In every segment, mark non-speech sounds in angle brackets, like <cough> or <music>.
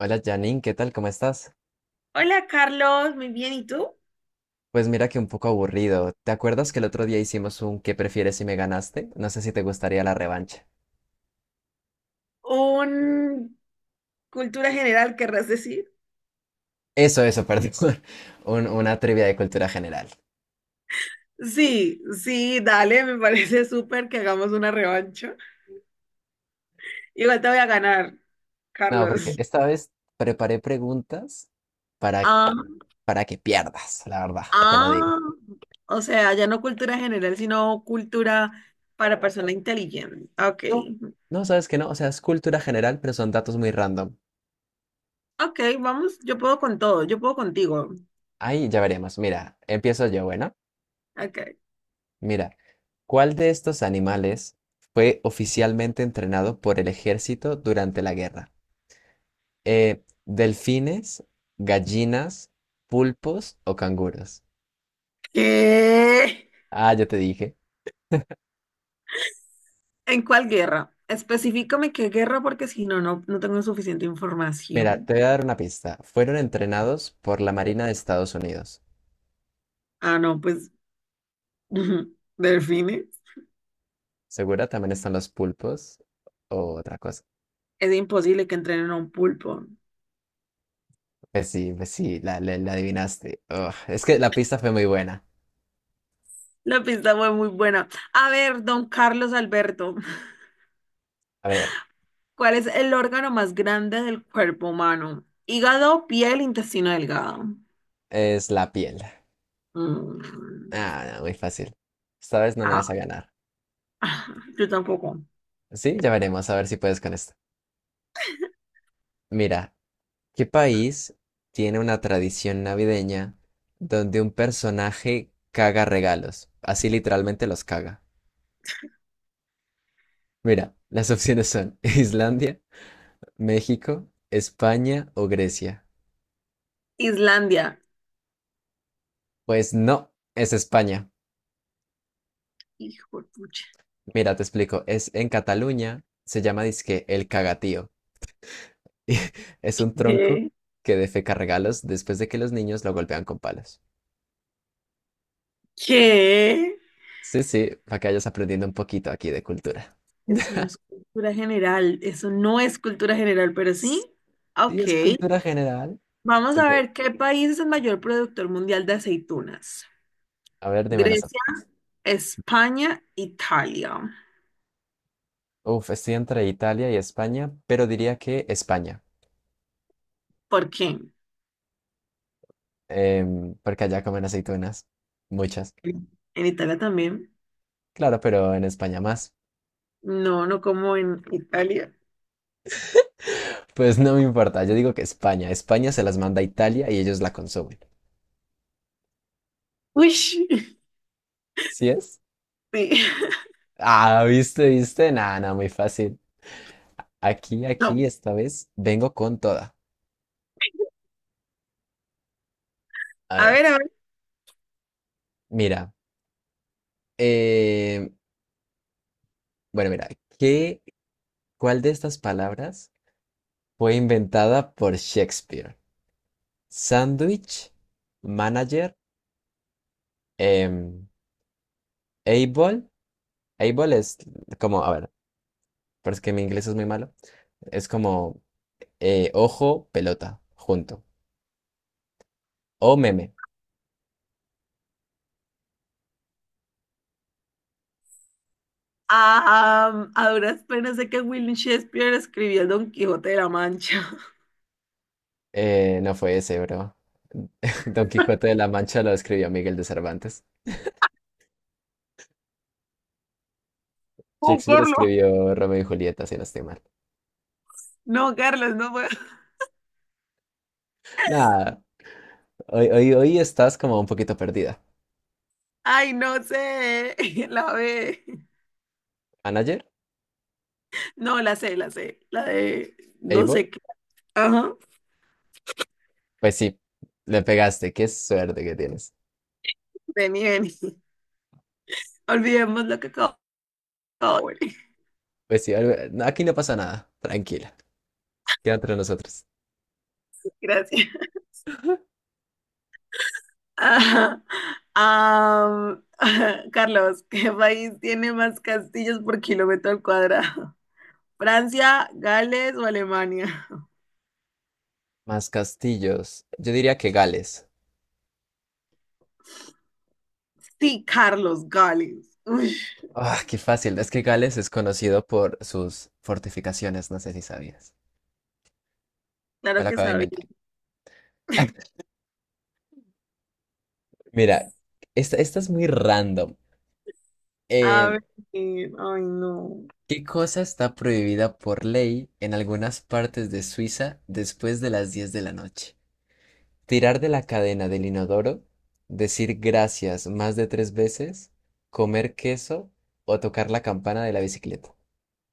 Hola Janine, ¿qué tal? ¿Cómo estás? Hola Carlos, muy bien, ¿y tú? Pues mira que un poco aburrido. ¿Te acuerdas que el otro día hicimos un ¿qué prefieres si me ganaste? No sé si te gustaría la revancha. ¿Un cultura general querrás decir? Eso, perdón. <laughs> Una trivia de cultura general. Sí, sí, dale, me parece <laughs> súper que hagamos una revancha. Igual te voy a ganar, No, porque Carlos. esta vez preparé preguntas para, Ah, para que pierdas, la verdad, te lo digo. ah, o sea, ya no cultura general, sino cultura para persona inteligente. Ok, No, no, sabes que no. O sea, es cultura general, pero son datos muy random. ok, vamos, yo puedo con todo, yo puedo contigo. Ahí ya veremos. Mira, empiezo yo, bueno. Ok. Mira, ¿cuál de estos animales fue oficialmente entrenado por el ejército durante la guerra? ¿delfines, gallinas, pulpos o canguros? ¿Qué? Ah, ya te dije. ¿En cuál guerra? Específicame qué guerra porque si no, no tengo suficiente Mira, te información. voy a dar una pista. Fueron entrenados por la Marina de Estados Unidos. Ah, no, pues <laughs> delfines. ¿Segura? También están los pulpos o otra cosa. Es imposible que entrenen a un pulpo. Pues sí, la adivinaste. Ugh, es que la pista fue muy buena. La pista fue muy buena. A ver, don Carlos Alberto, <laughs> A ver, ¿cuál es el órgano más grande del cuerpo humano? Hígado, piel, intestino delgado. es la piel. Mm, Ah, no, muy fácil. Esta vez no me vas a ah, ganar. <laughs> yo tampoco. Sí, ya veremos a ver si puedes con esto. Mira, ¿qué país tiene una tradición navideña donde un personaje caga regalos? Así literalmente los caga. Mira, las opciones son <laughs> Islandia, México, España o Grecia. Islandia. Pues no, es España. Hijo de pucha. Mira, te explico, es en Cataluña, se llama dizque el cagatío. <laughs> Y es un tronco ¿Qué? que defeca regalos después de que los niños lo golpean con palos. ¿Qué? Sí, sí, para que vayas aprendiendo un poquito aquí de cultura. Eso no es cultura general. Eso no es cultura general, pero sí. Sí, es Ok. cultura general. Vamos Se a puede- ver qué país es el mayor productor mundial de aceitunas. A ver, dime las Grecia, otras. España, Italia. Uf, estoy entre Italia y España, pero diría que España, ¿Por qué? Porque allá comen aceitunas, muchas. En Italia también. Claro, pero en España más. No, no como en Italia. Pues no me importa, yo digo que España. España se las manda a Italia y ellos la consumen. Uy, <laughs> ¿Sí es? sí. Ah, viste, viste. Nada, nada, muy fácil. Aquí, aquí, No. esta vez vengo con toda. A A ver, ver, a ver. mira. em, bueno, mira, ¿qué, cuál de estas palabras fue inventada por Shakespeare? Sandwich, manager, em, able. Able es como, a ver, pero es que mi inglés es muy malo. Es como ojo, pelota, junto. O meme. Ah, a duras penas sé que William Shakespeare escribió el Don Quijote de la Mancha. <laughs> No fue ese, bro. <laughs> Don Quijote de la Mancha lo escribió Miguel de Cervantes. Oh, Shakespeare Carlos. escribió Romeo y Julieta, si no estoy mal. No, Carlos, no puedo. Nada, hoy, hoy, hoy estás como un poquito perdida. Ay, no sé. <laughs> La B. ¿Manager? No, la sé, la sé. La de no ¿Able? sé qué. Ajá. Pues sí, le pegaste. Qué suerte que tienes. Vení, vení. Olvidemos lo que acabo de decir. Pues sí, algo- aquí no pasa nada. Tranquila. Queda entre nosotros. <laughs> Gracias. Ajá. Am, <laughs> Carlos, ¿qué país tiene más castillos por kilómetro al cuadrado? ¿Francia, Gales o Alemania? <laughs> Más castillos. Yo diría que Gales. Sí, Carlos, Gales. Uy, Ah, qué fácil. Es que Gales es conocido por sus fortificaciones. No sé si sabías. Me claro lo que acabo de sabía. inventar. <laughs> Mira, esta es muy random. A Eh, ver, ay, no. ¿qué cosa está prohibida por ley en algunas partes de Suiza después de las 10 de la noche? Tirar de la cadena del inodoro, decir gracias más de tres veces, comer queso o tocar la campana de la bicicleta.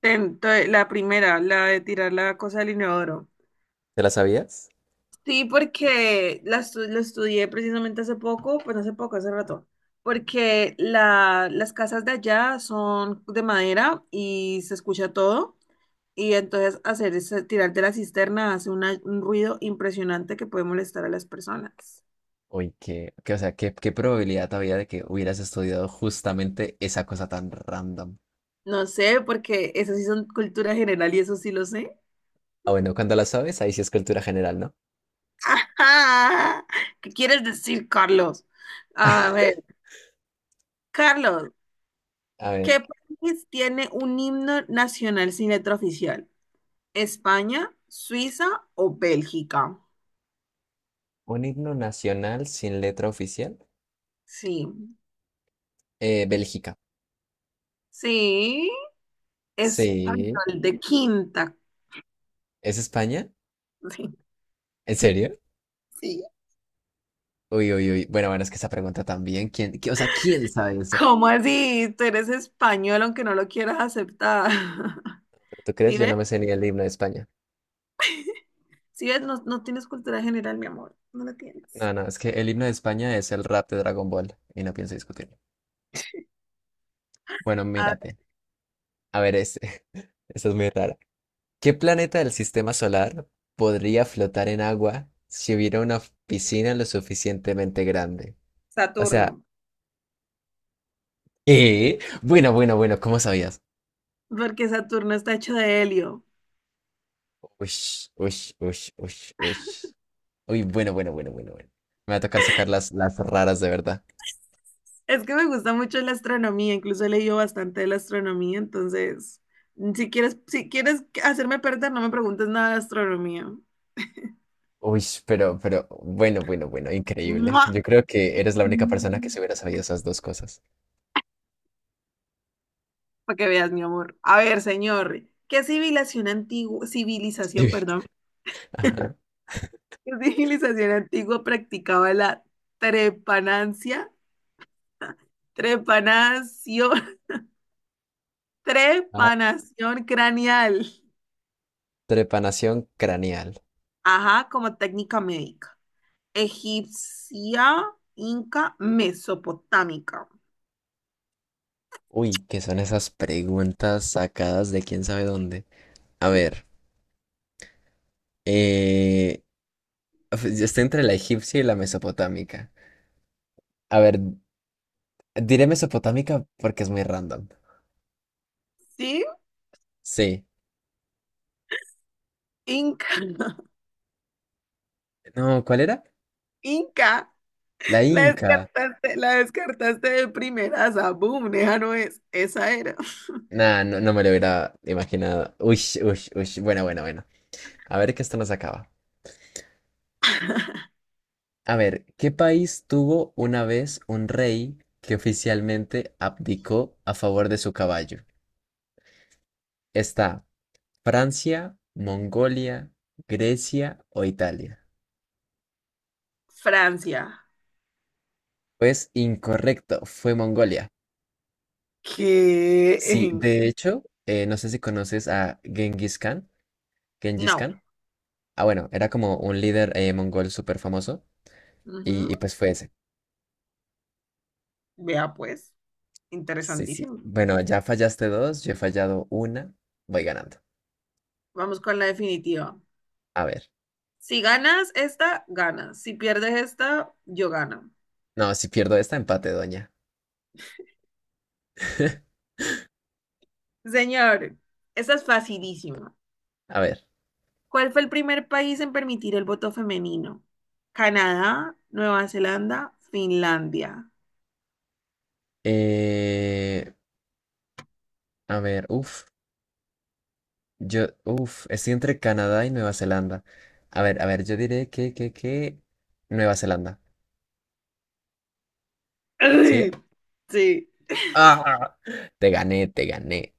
La primera, la de tirar la cosa del inodoro. ¿Te la sabías? Sí, porque lo estudié precisamente hace poco, pues hace poco, hace rato, porque las casas de allá son de madera y se escucha todo, y entonces hacer ese, tirar de la cisterna hace un ruido impresionante que puede molestar a las personas. Uy, o sea, qué probabilidad había de que hubieras estudiado justamente esa cosa tan random. No sé, porque eso sí son cultura general y eso sí lo sé. Ah, bueno, cuando la sabes, ahí sí es cultura general, ¿no? <laughs> ¿Qué quieres decir, Carlos? A ver, Carlos, A ver, ¿qué país tiene un himno nacional sin letra oficial? España, Suiza o Bélgica. un himno nacional sin letra oficial. Sí, Bélgica. sí, Sí. español de quinta. ¿Es España? Sí. ¿En serio? Sí. Uy, uy, uy. Bueno, bueno, es que esa pregunta también, o sea, ¿quién sabe eso? ¿Cómo así? Tú eres español aunque no lo quieras aceptar. <laughs> ¿Tú crees? ¿Sí Yo ves? no me sé ni el himno de España. ¿Sí ves? No, no tienes cultura general, mi amor. No la tienes. No, no, es que el himno de España es el rap de Dragon Ball y no pienso discutirlo. Bueno, A ver, mírate. A ver, este. <laughs> Esta es muy rara. ¿Qué planeta del sistema solar podría flotar en agua si hubiera una piscina lo suficientemente grande? O Saturno. sea, ¿eh? Bueno, bueno, bueno, ¿cómo sabías? Porque Saturno está hecho de helio. Ush, uy, uy, uy, uy. Uy, bueno, bueno, bueno, bueno, bueno. Me va a tocar sacar las raras de verdad. Es que me gusta mucho la astronomía, incluso he leído bastante de la astronomía, entonces, si quieres hacerme perder, no me preguntes nada de astronomía. Uy, pero, bueno, bueno, bueno, increíble. ¡Mua! Yo creo que eres la única persona que se hubiera sabido esas dos cosas. <laughs> Para que veas, mi amor. A ver, señor, ¿qué civilización antigua, civilización, Sí. perdón, Ajá. qué civilización antigua practicaba la trepanancia, trepanación, <laughs> Ah, trepanación craneal? trepanación craneal. Ajá, como técnica médica. Egipcia, inca, mesopotámica. Uy, ¿qué son esas preguntas sacadas de quién sabe dónde? A ver, eh, yo estoy entre la egipcia y la mesopotámica. A ver, diré mesopotámica porque es muy random. ¿Sí? Sí. Inca, <laughs> No, ¿cuál era? inca. La inca. La descartaste de primeras. Ah, boom, esa no es. Esa era. Nah, no, no me lo hubiera imaginado. Uy, uy, uy. Bueno, bueno, bueno. A ver que esto nos acaba. A ver, ¿qué país tuvo una vez un rey que oficialmente abdicó a favor de su caballo? ¿Está Francia, Mongolia, Grecia o Italia? Francia, Pues incorrecto, fue Mongolia. que Sí, de hecho, no sé si conoces a Genghis Khan. Genghis <laughs> no. Khan. Ah, bueno, era como un líder mongol súper famoso y, Ujú. y pues fue ese. Vea pues, Sí, sí. interesantísimo. Bueno, ya fallaste dos, yo he fallado una, voy ganando. Vamos con la definitiva. A ver. Si ganas esta, ganas. Si pierdes esta, yo gano. No, si pierdo esta, empate, doña. <laughs> Señor, esta es facilísima. A ver. ¿Cuál fue el primer país en permitir el voto femenino? Canadá, Nueva Zelanda, Finlandia. eh, a ver, uff. Yo, estoy entre Canadá y Nueva Zelanda. A ver, yo diré que Nueva Zelanda. <laughs> Ay, ¿Sí? sí. ¡Ah! Te gané, te gané.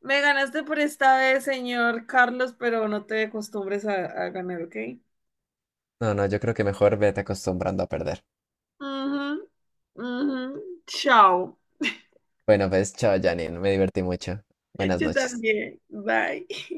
Me ganaste por esta vez, señor Carlos, pero no te acostumbres a ganar, ¿ok? No, no, yo creo que mejor vete acostumbrando a perder. Ujú, ujú. Chao. Bueno, pues, chao, Janine. Me divertí mucho. Buenas Yo noches. también. Bye.